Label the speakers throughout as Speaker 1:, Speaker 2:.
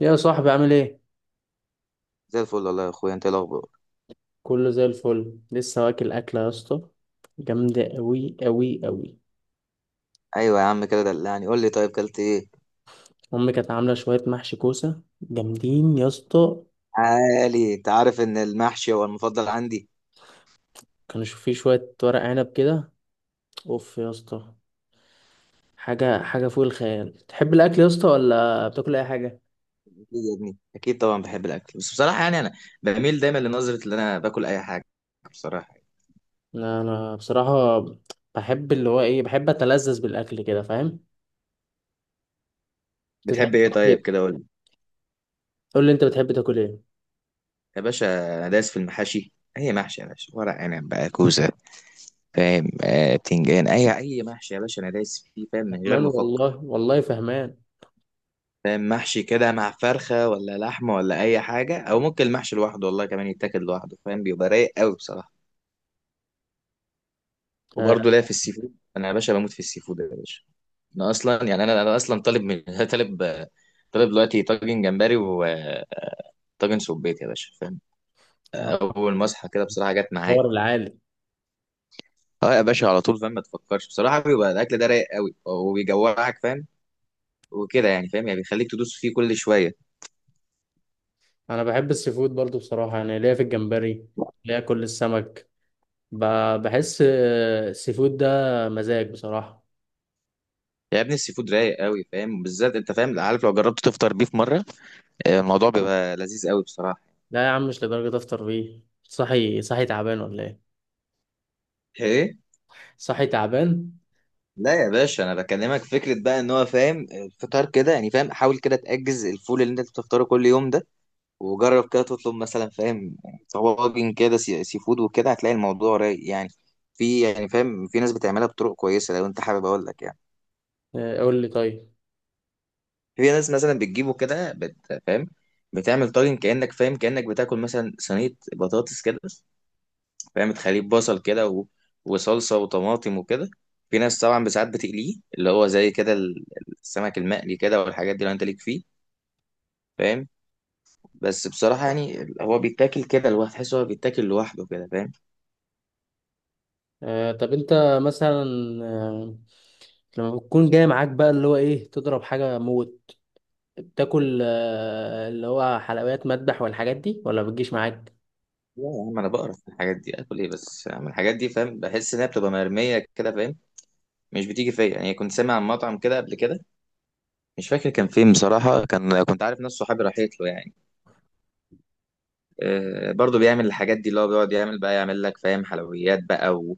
Speaker 1: يا صاحبي، عامل ايه؟
Speaker 2: زي الفل والله يا اخويا، انت إيه الاخبار؟
Speaker 1: كله زي الفل. لسه واكل اكله يا اسطى. جامده قوي قوي قوي.
Speaker 2: ايوه يا عم، كده دلعني، قول لي طيب، كلت ايه؟
Speaker 1: امي كانت عامله شويه محشي كوسه جامدين يا اسطى.
Speaker 2: عالي، انت عارف ان المحشي هو المفضل عندي.
Speaker 1: كانوا في شويه ورق عنب كده. اوف يا اسطى. حاجه حاجه فوق الخيال. تحب الاكل يا اسطى، ولا بتاكل اي حاجه؟
Speaker 2: اكيد يا ابني اكيد، طبعا بحب الاكل، بس بصراحه يعني انا بميل دايما لنظره ان انا باكل اي حاجه، بصراحه.
Speaker 1: انا بصراحه بحب اللي هو ايه، بحب اتلذذ بالاكل كده، فاهم. انت
Speaker 2: بتحب
Speaker 1: بتحب
Speaker 2: ايه
Speaker 1: تاكل
Speaker 2: طيب؟
Speaker 1: ايه؟
Speaker 2: كده قول لي.
Speaker 1: قول لي، انت بتحب تاكل ايه؟
Speaker 2: يا باشا، انا دايس في المحاشي، اي محشي يا باشا، ورق عنب بقى، كوسه، فاهم، بتنجان، اي محشي يا باشا، انا دايس فيه فاهم من غير
Speaker 1: فهمان
Speaker 2: ما افكر.
Speaker 1: والله، والله فهمان.
Speaker 2: فاهم، محشي كده مع فرخه ولا لحمه ولا اي حاجه، او ممكن المحشي لوحده، والله كمان يتاكل لوحده، فاهم، بيبقى رايق قوي بصراحه.
Speaker 1: آه،
Speaker 2: وبرضه ليا في السي فود، انا يا باشا بموت في السي فود يا باشا. انا اصلا يعني انا اصلا طالب من طالب طالب دلوقتي طاجن جمبري وطاجن سبيت يا باشا، فاهم،
Speaker 1: آه،
Speaker 2: اول ما اصحى كده بصراحه جت معايا.
Speaker 1: حوار العالي.
Speaker 2: اه يا باشا، على طول فاهم، ما تفكرش، بصراحه بيبقى الاكل ده رايق قوي، وبيجوعك فاهم، وكده يعني، فاهم يعني بيخليك تدوس فيه كل شويه.
Speaker 1: انا بحب السي فود برضو بصراحه، يعني ليا في الجمبري، ليا كل السمك. بحس السي فود ده مزاج بصراحه.
Speaker 2: يا ابني السي فود رايق قوي فاهم، بالذات انت فاهم، عارف، لو جربت تفطر بيه في مره، الموضوع بيبقى لذيذ قوي بصراحه.
Speaker 1: لا يا عم، مش لدرجه افطر بيه. صحي صحي تعبان ولا ايه؟
Speaker 2: ايه؟
Speaker 1: صحي تعبان.
Speaker 2: لا يا باشا، انا بكلمك فكره بقى، ان هو فاهم الفطار كده، يعني فاهم حاول كده تاجز الفول اللي انت بتفطره كل يوم ده، وجرب كده تطلب مثلا فاهم طواجن كده سي فود، وكده هتلاقي الموضوع رايق يعني. في يعني فاهم في ناس بتعملها بطرق كويسه، لو انت حابب اقول لك يعني.
Speaker 1: قول لي طيب.
Speaker 2: في ناس مثلا بتجيبه كده، فاهم بتعمل طاجن، كانك بتاكل مثلا صينيه بطاطس كده، فاهم تخليه بصل كده و... وصلصة وطماطم وكده. في ناس طبعا بساعات بتقليه، اللي هو زي كده السمك المقلي كده والحاجات دي، لو انت ليك فيه فاهم. بس بصراحة يعني هو بيتاكل كده لوحده، تحس هو بيتاكل لوحده كده فاهم.
Speaker 1: طب انت مثلا، آه، لما بتكون جاي معاك بقى اللي هو ايه تضرب حاجه موت. بتاكل اللي هو حلويات مذبح والحاجات دي، ولا بتجيش معاك؟
Speaker 2: لا يا عم، انا بقرف من الحاجات دي، اكل ايه بس من الحاجات دي، فاهم، بحس انها بتبقى مرمية كده فاهم، مش بتيجي فيا يعني. كنت سامع عن مطعم كده قبل كده، مش فاكر كان فين بصراحة، كنت عارف ناس صحابي راحت له يعني، آه، برضو بيعمل الحاجات دي، اللي هو بيقعد يعمل بقى، يعمل لك فاهم حلويات بقى و...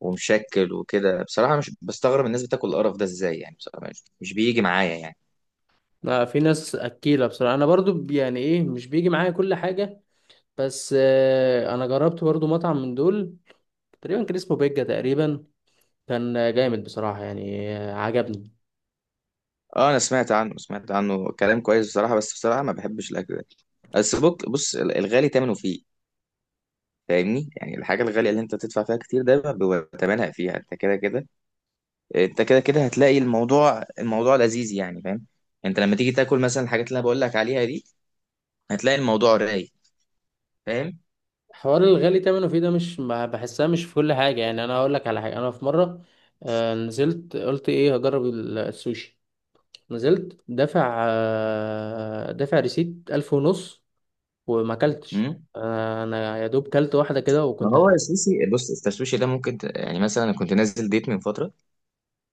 Speaker 2: ومشكل وكده. بصراحة مش بستغرب الناس بتاكل القرف ده ازاي يعني، بصراحة مش بيجي معايا يعني.
Speaker 1: لا، في ناس اكيله بصراحه. انا برضو يعني ايه، مش بيجي معايا كل حاجه. بس انا جربت برضو مطعم من دول، تقريبا كان اسمه بيجا. تقريبا كان جامد بصراحة، يعني عجبني.
Speaker 2: اه، انا سمعت عنه كلام كويس بصراحة، بس بصراحة ما بحبش الاكل ده. بس بص الغالي تمنه فيه، فاهمني؟ يعني الحاجة الغالية اللي انت تدفع فيها كتير ده بيبقى تمنها فيها، انت كده كده. انت كده كده هتلاقي الموضوع لذيذ يعني فاهم. انت لما تيجي تاكل مثلا الحاجات اللي انا بقول لك عليها دي هتلاقي الموضوع رايق
Speaker 1: حوار الغالي تمنه فيه ده مش بحسها مش في كل حاجة. يعني انا هقول لك على حاجة، انا في مرة نزلت، قلت ايه، هجرب السوشي. نزلت دافع ريسيت 1500 وما كلتش.
Speaker 2: فاهم.
Speaker 1: انا يا دوب كلت واحدة كده
Speaker 2: ما
Speaker 1: وكنت
Speaker 2: هو السوشي، بص، السوشي ده ممكن يعني، مثلا انا كنت نازل ديت من فتره،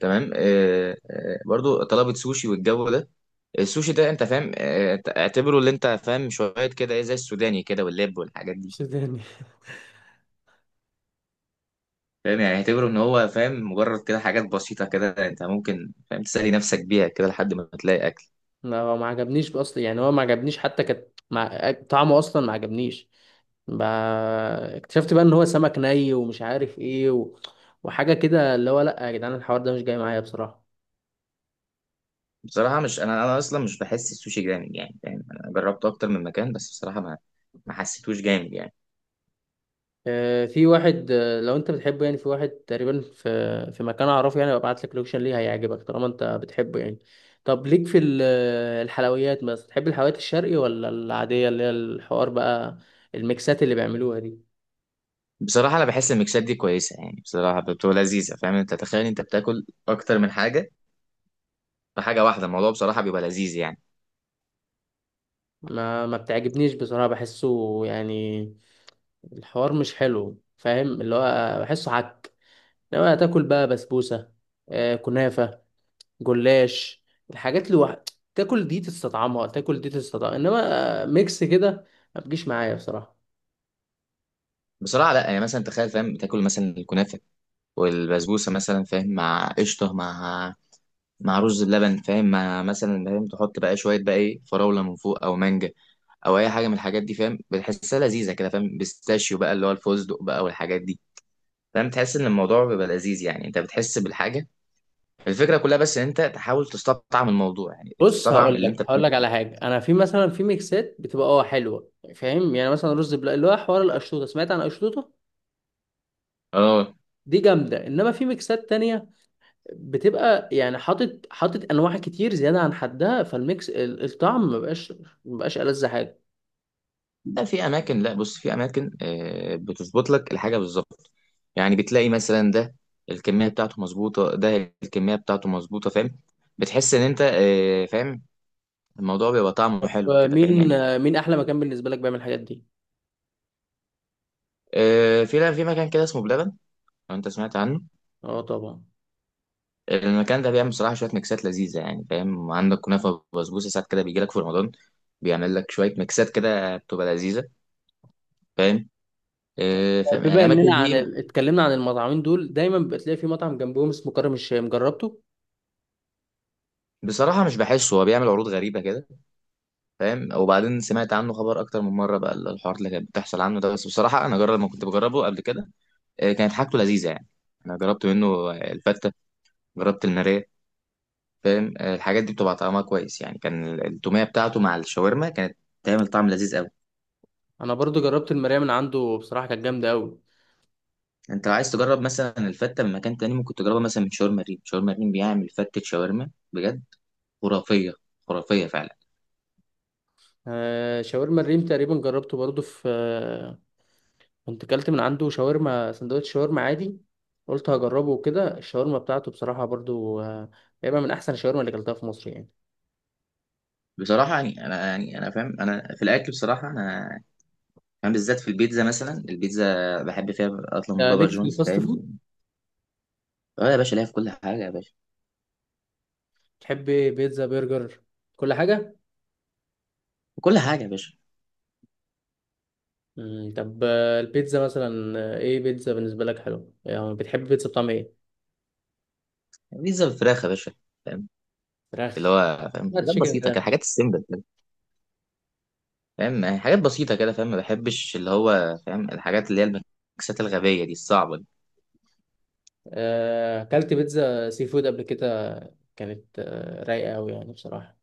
Speaker 2: تمام، برضو طلبت سوشي، والجو ده السوشي ده انت فاهم، اعتبره، اللي انت فاهم شويه كده، ايه، زي السوداني كده واللب والحاجات دي.
Speaker 1: هرش تاني.
Speaker 2: فاهم يعني اعتبره ان هو فاهم مجرد كده حاجات بسيطه كده، انت ممكن فاهم تسالي نفسك بيها كده لحد ما تلاقي اكل.
Speaker 1: ما هو ما عجبنيش اصلا، يعني هو ما عجبنيش حتى. كانت طعمه اصلا ما عجبنيش. ب... اكتشفت بقى ان هو سمك ني ومش عارف ايه وحاجه كده. اللي هو لا يا جدعان، الحوار ده مش جاي معايا بصراحه.
Speaker 2: بصراحه مش انا اصلا مش بحس السوشي جامد يعني، فاهم انا جربته اكتر من مكان بس بصراحه ما حسيتوش جامد يعني.
Speaker 1: في واحد، لو انت بتحبه يعني، في واحد تقريبا في مكان اعرفه، يعني ببعت لك لوكيشن ليه، هيعجبك طالما انت بتحبه يعني. طب ليك في الحلويات؟ بس تحب الحلويات الشرقي ولا العاديه، اللي هي الحوار بقى، الميكسات اللي بيعملوها دي.
Speaker 2: بصراحة أنا بحس الميكسات دي كويسة يعني، بصراحة بتبقى لذيذة، فاهم، أنت تخيل أنت بتاكل أكتر من حاجة في حاجة واحدة، الموضوع بصراحة بيبقى لذيذ يعني.
Speaker 1: ما بتعجبنيش بصراحة، بحسه يعني الحوار مش حلو، فاهم، اللي هو بحسه حك. انما تاكل بقى بسبوسه، كنافه، جلاش، الحاجات اللي تاكل دي تستطعمها، تاكل دي تستطعمها. انما ميكس كده ما بتجيش معايا بصراحه.
Speaker 2: بصراحة لأ يعني، مثلا تخيل فاهم، بتاكل مثلا الكنافة والبسبوسة مثلا فاهم، مع قشطة، مع رز اللبن، فاهم، مع مثلا فاهم تحط بقى شوية بقى إيه فراولة من فوق أو مانجا أو أي حاجة من الحاجات دي، فاهم بتحسها لذيذة كده، فاهم، بيستاشيو بقى اللي هو الفستق بقى والحاجات دي، فاهم تحس إن الموضوع بيبقى لذيذ يعني، أنت بتحس بالحاجة. الفكرة كلها بس ان انت تحاول تستطعم الموضوع يعني،
Speaker 1: بص،
Speaker 2: تستطعم
Speaker 1: هقول
Speaker 2: اللي
Speaker 1: لك
Speaker 2: انت
Speaker 1: هقول لك
Speaker 2: بتاكله.
Speaker 1: على حاجه. انا في مثلا في ميكسات بتبقى حلوه، فاهم، يعني مثلا رز بلا، اللي هو حوار القشطوطه. سمعت عن القشطوطه؟
Speaker 2: اه.
Speaker 1: دي جامده. انما في ميكسات تانية بتبقى يعني حاطط انواع كتير زياده عن حدها، فالميكس الطعم مبقاش ألذ حاجه.
Speaker 2: لا، بص، في اماكن بتظبط لك الحاجة بالظبط، يعني بتلاقي مثلا ده الكمية بتاعته مظبوطة، ده الكمية بتاعته مظبوطة فاهم، بتحس ان انت فاهم الموضوع بيبقى طعمه حلو كده، فاهم
Speaker 1: مين؟
Speaker 2: يعني.
Speaker 1: مين احلى مكان بالنسبه لك بيعمل الحاجات دي؟
Speaker 2: آه، في لا في مكان كده اسمه بلبن لو انت سمعت عنه.
Speaker 1: اه طبعا.
Speaker 2: المكان ده بيعمل بصراحة شوية ميكسات لذيذة يعني، فاهم، عندك كنافة وبسبوسة، ساعات كده بيجي لك في رمضان بيعمل لك شوية ميكسات كده بتبقى لذيذة، فاهم،
Speaker 1: طب
Speaker 2: فاهم يعني
Speaker 1: بما
Speaker 2: الاماكن
Speaker 1: اننا
Speaker 2: دي.
Speaker 1: اتكلمنا عن المطعمين دول، دايما بتلاقي في مطعم جنبهم اسمه كرم الشام، جربته؟
Speaker 2: بصراحه مش بحسه، هو بيعمل عروض غريبه كده فاهم، وبعدين سمعت عنه خبر اكتر من مره بقى الحوارات اللي كانت بتحصل عنه ده، بس بصراحه انا جرب ما كنت بجربه قبل كده، كانت حاجته لذيذه يعني. انا جربت منه الفته، جربت الناريه، فاهم، الحاجات دي بتبقى طعمها كويس يعني، كان التوميه بتاعته مع الشاورما كانت تعمل طعم لذيذ قوي.
Speaker 1: انا برضو جربت المرايه من عنده، بصراحه كانت جامده قوي.
Speaker 2: انت لو عايز تجرب مثلا الفته من مكان تاني ممكن تجربها مثلا من شاورما ريم. شاورما ريم بيعمل فتة شاورما بجد خرافيه، خرافيه فعلا.
Speaker 1: آه شاورما الريم تقريبا جربته برضو في آه كنت كلت من عنده شاورما، سندوتش شاورما عادي. قلت هجربه وكده، الشاورما بتاعته بصراحه برضو تقريبا من احسن الشاورما اللي كلتها في مصر يعني.
Speaker 2: بصراحة يعني أنا فاهم، أنا في الأكل بصراحة أنا بالذات في البيتزا، مثلا البيتزا بحب فيها أطلب من
Speaker 1: آه
Speaker 2: بابا
Speaker 1: ليك في
Speaker 2: جونز
Speaker 1: الفاست
Speaker 2: فاهم.
Speaker 1: فود.
Speaker 2: أه يا باشا، ليها في كل حاجة يا باشا،
Speaker 1: تحب بيتزا، برجر، كل حاجه.
Speaker 2: في كل حاجة يا باشا.
Speaker 1: طب البيتزا مثلا، ايه بيتزا بالنسبة لك حلو، يعني بتحب بيتزا بطعم ايه؟
Speaker 2: بيتزا بالفراخ يا باشا، فاهم، اللي
Speaker 1: فراخ.
Speaker 2: هو فاهم
Speaker 1: ما
Speaker 2: حاجات
Speaker 1: تشيكن
Speaker 2: بسيطة كده،
Speaker 1: فراخ.
Speaker 2: حاجات السيمبل كده، فاهم يعني حاجات بسيطة كده، فاهم ما بحبش اللي هو فاهم الحاجات اللي هي الميكسات الغبية دي الصعبة دي.
Speaker 1: اكلت بيتزا سي فود قبل كده، كانت رايقة قوي يعني بصراحة.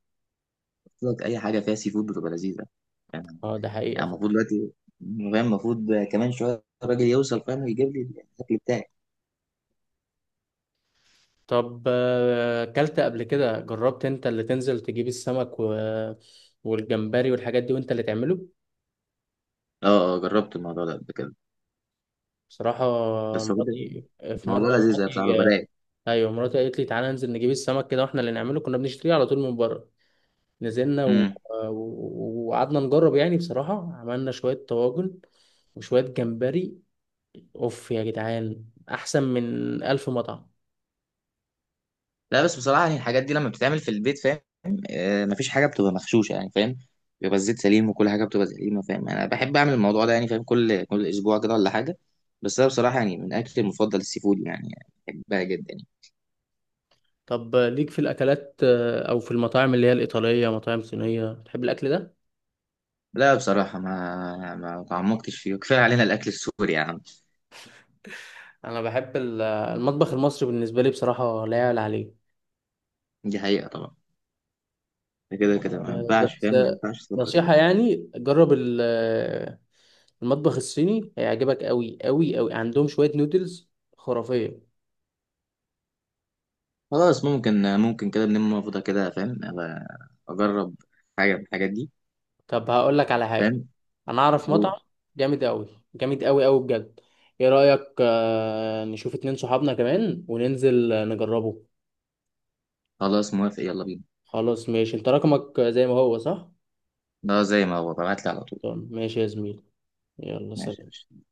Speaker 2: قلت لك أي حاجة فيها سي فود بتبقى لذيذة، فاهم؟
Speaker 1: اه ده حقيقة.
Speaker 2: يعني المفروض دلوقتي فاهم المفروض كمان شوية الراجل يوصل فاهم، يجيب لي الأكل بتاعي.
Speaker 1: طب اكلت قبل كده، جربت انت اللي تنزل تجيب السمك والجمبري والحاجات دي وانت اللي تعمله؟
Speaker 2: أه، أه، جربت الموضوع ده قبل كده،
Speaker 1: بصراحة
Speaker 2: بس هو كده
Speaker 1: مراتي، في مرة
Speaker 2: الموضوع لذيذ يا بصراحه،
Speaker 1: مراتي،
Speaker 2: برايق.
Speaker 1: ايوه مراتي قالت لي تعالى ننزل نجيب السمك كده واحنا اللي نعمله. كنا بنشتريه على طول من بره، نزلنا
Speaker 2: امم
Speaker 1: وقعدنا نجرب. يعني بصراحة عملنا شوية طواجن وشوية جمبري. اوف يا جدعان، احسن من ألف مطعم.
Speaker 2: لا بس بصراحه يعني الحاجات دي لما بتتعمل في البيت فاهم، مفيش حاجه بتبقى مغشوشه يعني فاهم، بيبقى الزيت سليم وكل حاجه بتبقى سليمه فاهم، انا بحب اعمل الموضوع ده يعني، فاهم كل اسبوع كده ولا حاجه، بس انا بصراحه يعني من اكلي المفضل السي فود يعني، بحبها جدا يعني.
Speaker 1: طب ليك في الأكلات، أو في المطاعم اللي هي الإيطالية، مطاعم صينية، بتحب الأكل ده؟
Speaker 2: لا بصراحه ما تعمقتش فيه، كفايه علينا الاكل السوري يا عم.
Speaker 1: أنا بحب المطبخ المصري. بالنسبة لي بصراحة لا يعلى عليه.
Speaker 2: دي حقيقه طبعا، ده كده كده ما ينفعش،
Speaker 1: بس
Speaker 2: فاهم، ما ينفعش تفكر يعني.
Speaker 1: نصيحة يعني، جرب المطبخ الصيني هيعجبك أوي أوي أوي. عندهم شوية نودلز خرافية.
Speaker 2: خلاص ممكن كده بنلم فضة كده فاهم أبقى اجرب حاجه من الحاجات دي
Speaker 1: طب هقول لك على حاجة،
Speaker 2: فاهم.
Speaker 1: انا اعرف مطعم جامد قوي، جامد قوي قوي بجد. ايه رأيك نشوف اتنين صحابنا كمان وننزل نجربه؟
Speaker 2: خلاص موافق، يلا بينا.
Speaker 1: خلاص ماشي. انت رقمك زي ما هو صح؟
Speaker 2: اه زي ما هو، ببعتلي على طول.
Speaker 1: طب ماشي يا زميلي، يلا،
Speaker 2: ماشي يا
Speaker 1: سلام.
Speaker 2: باشا.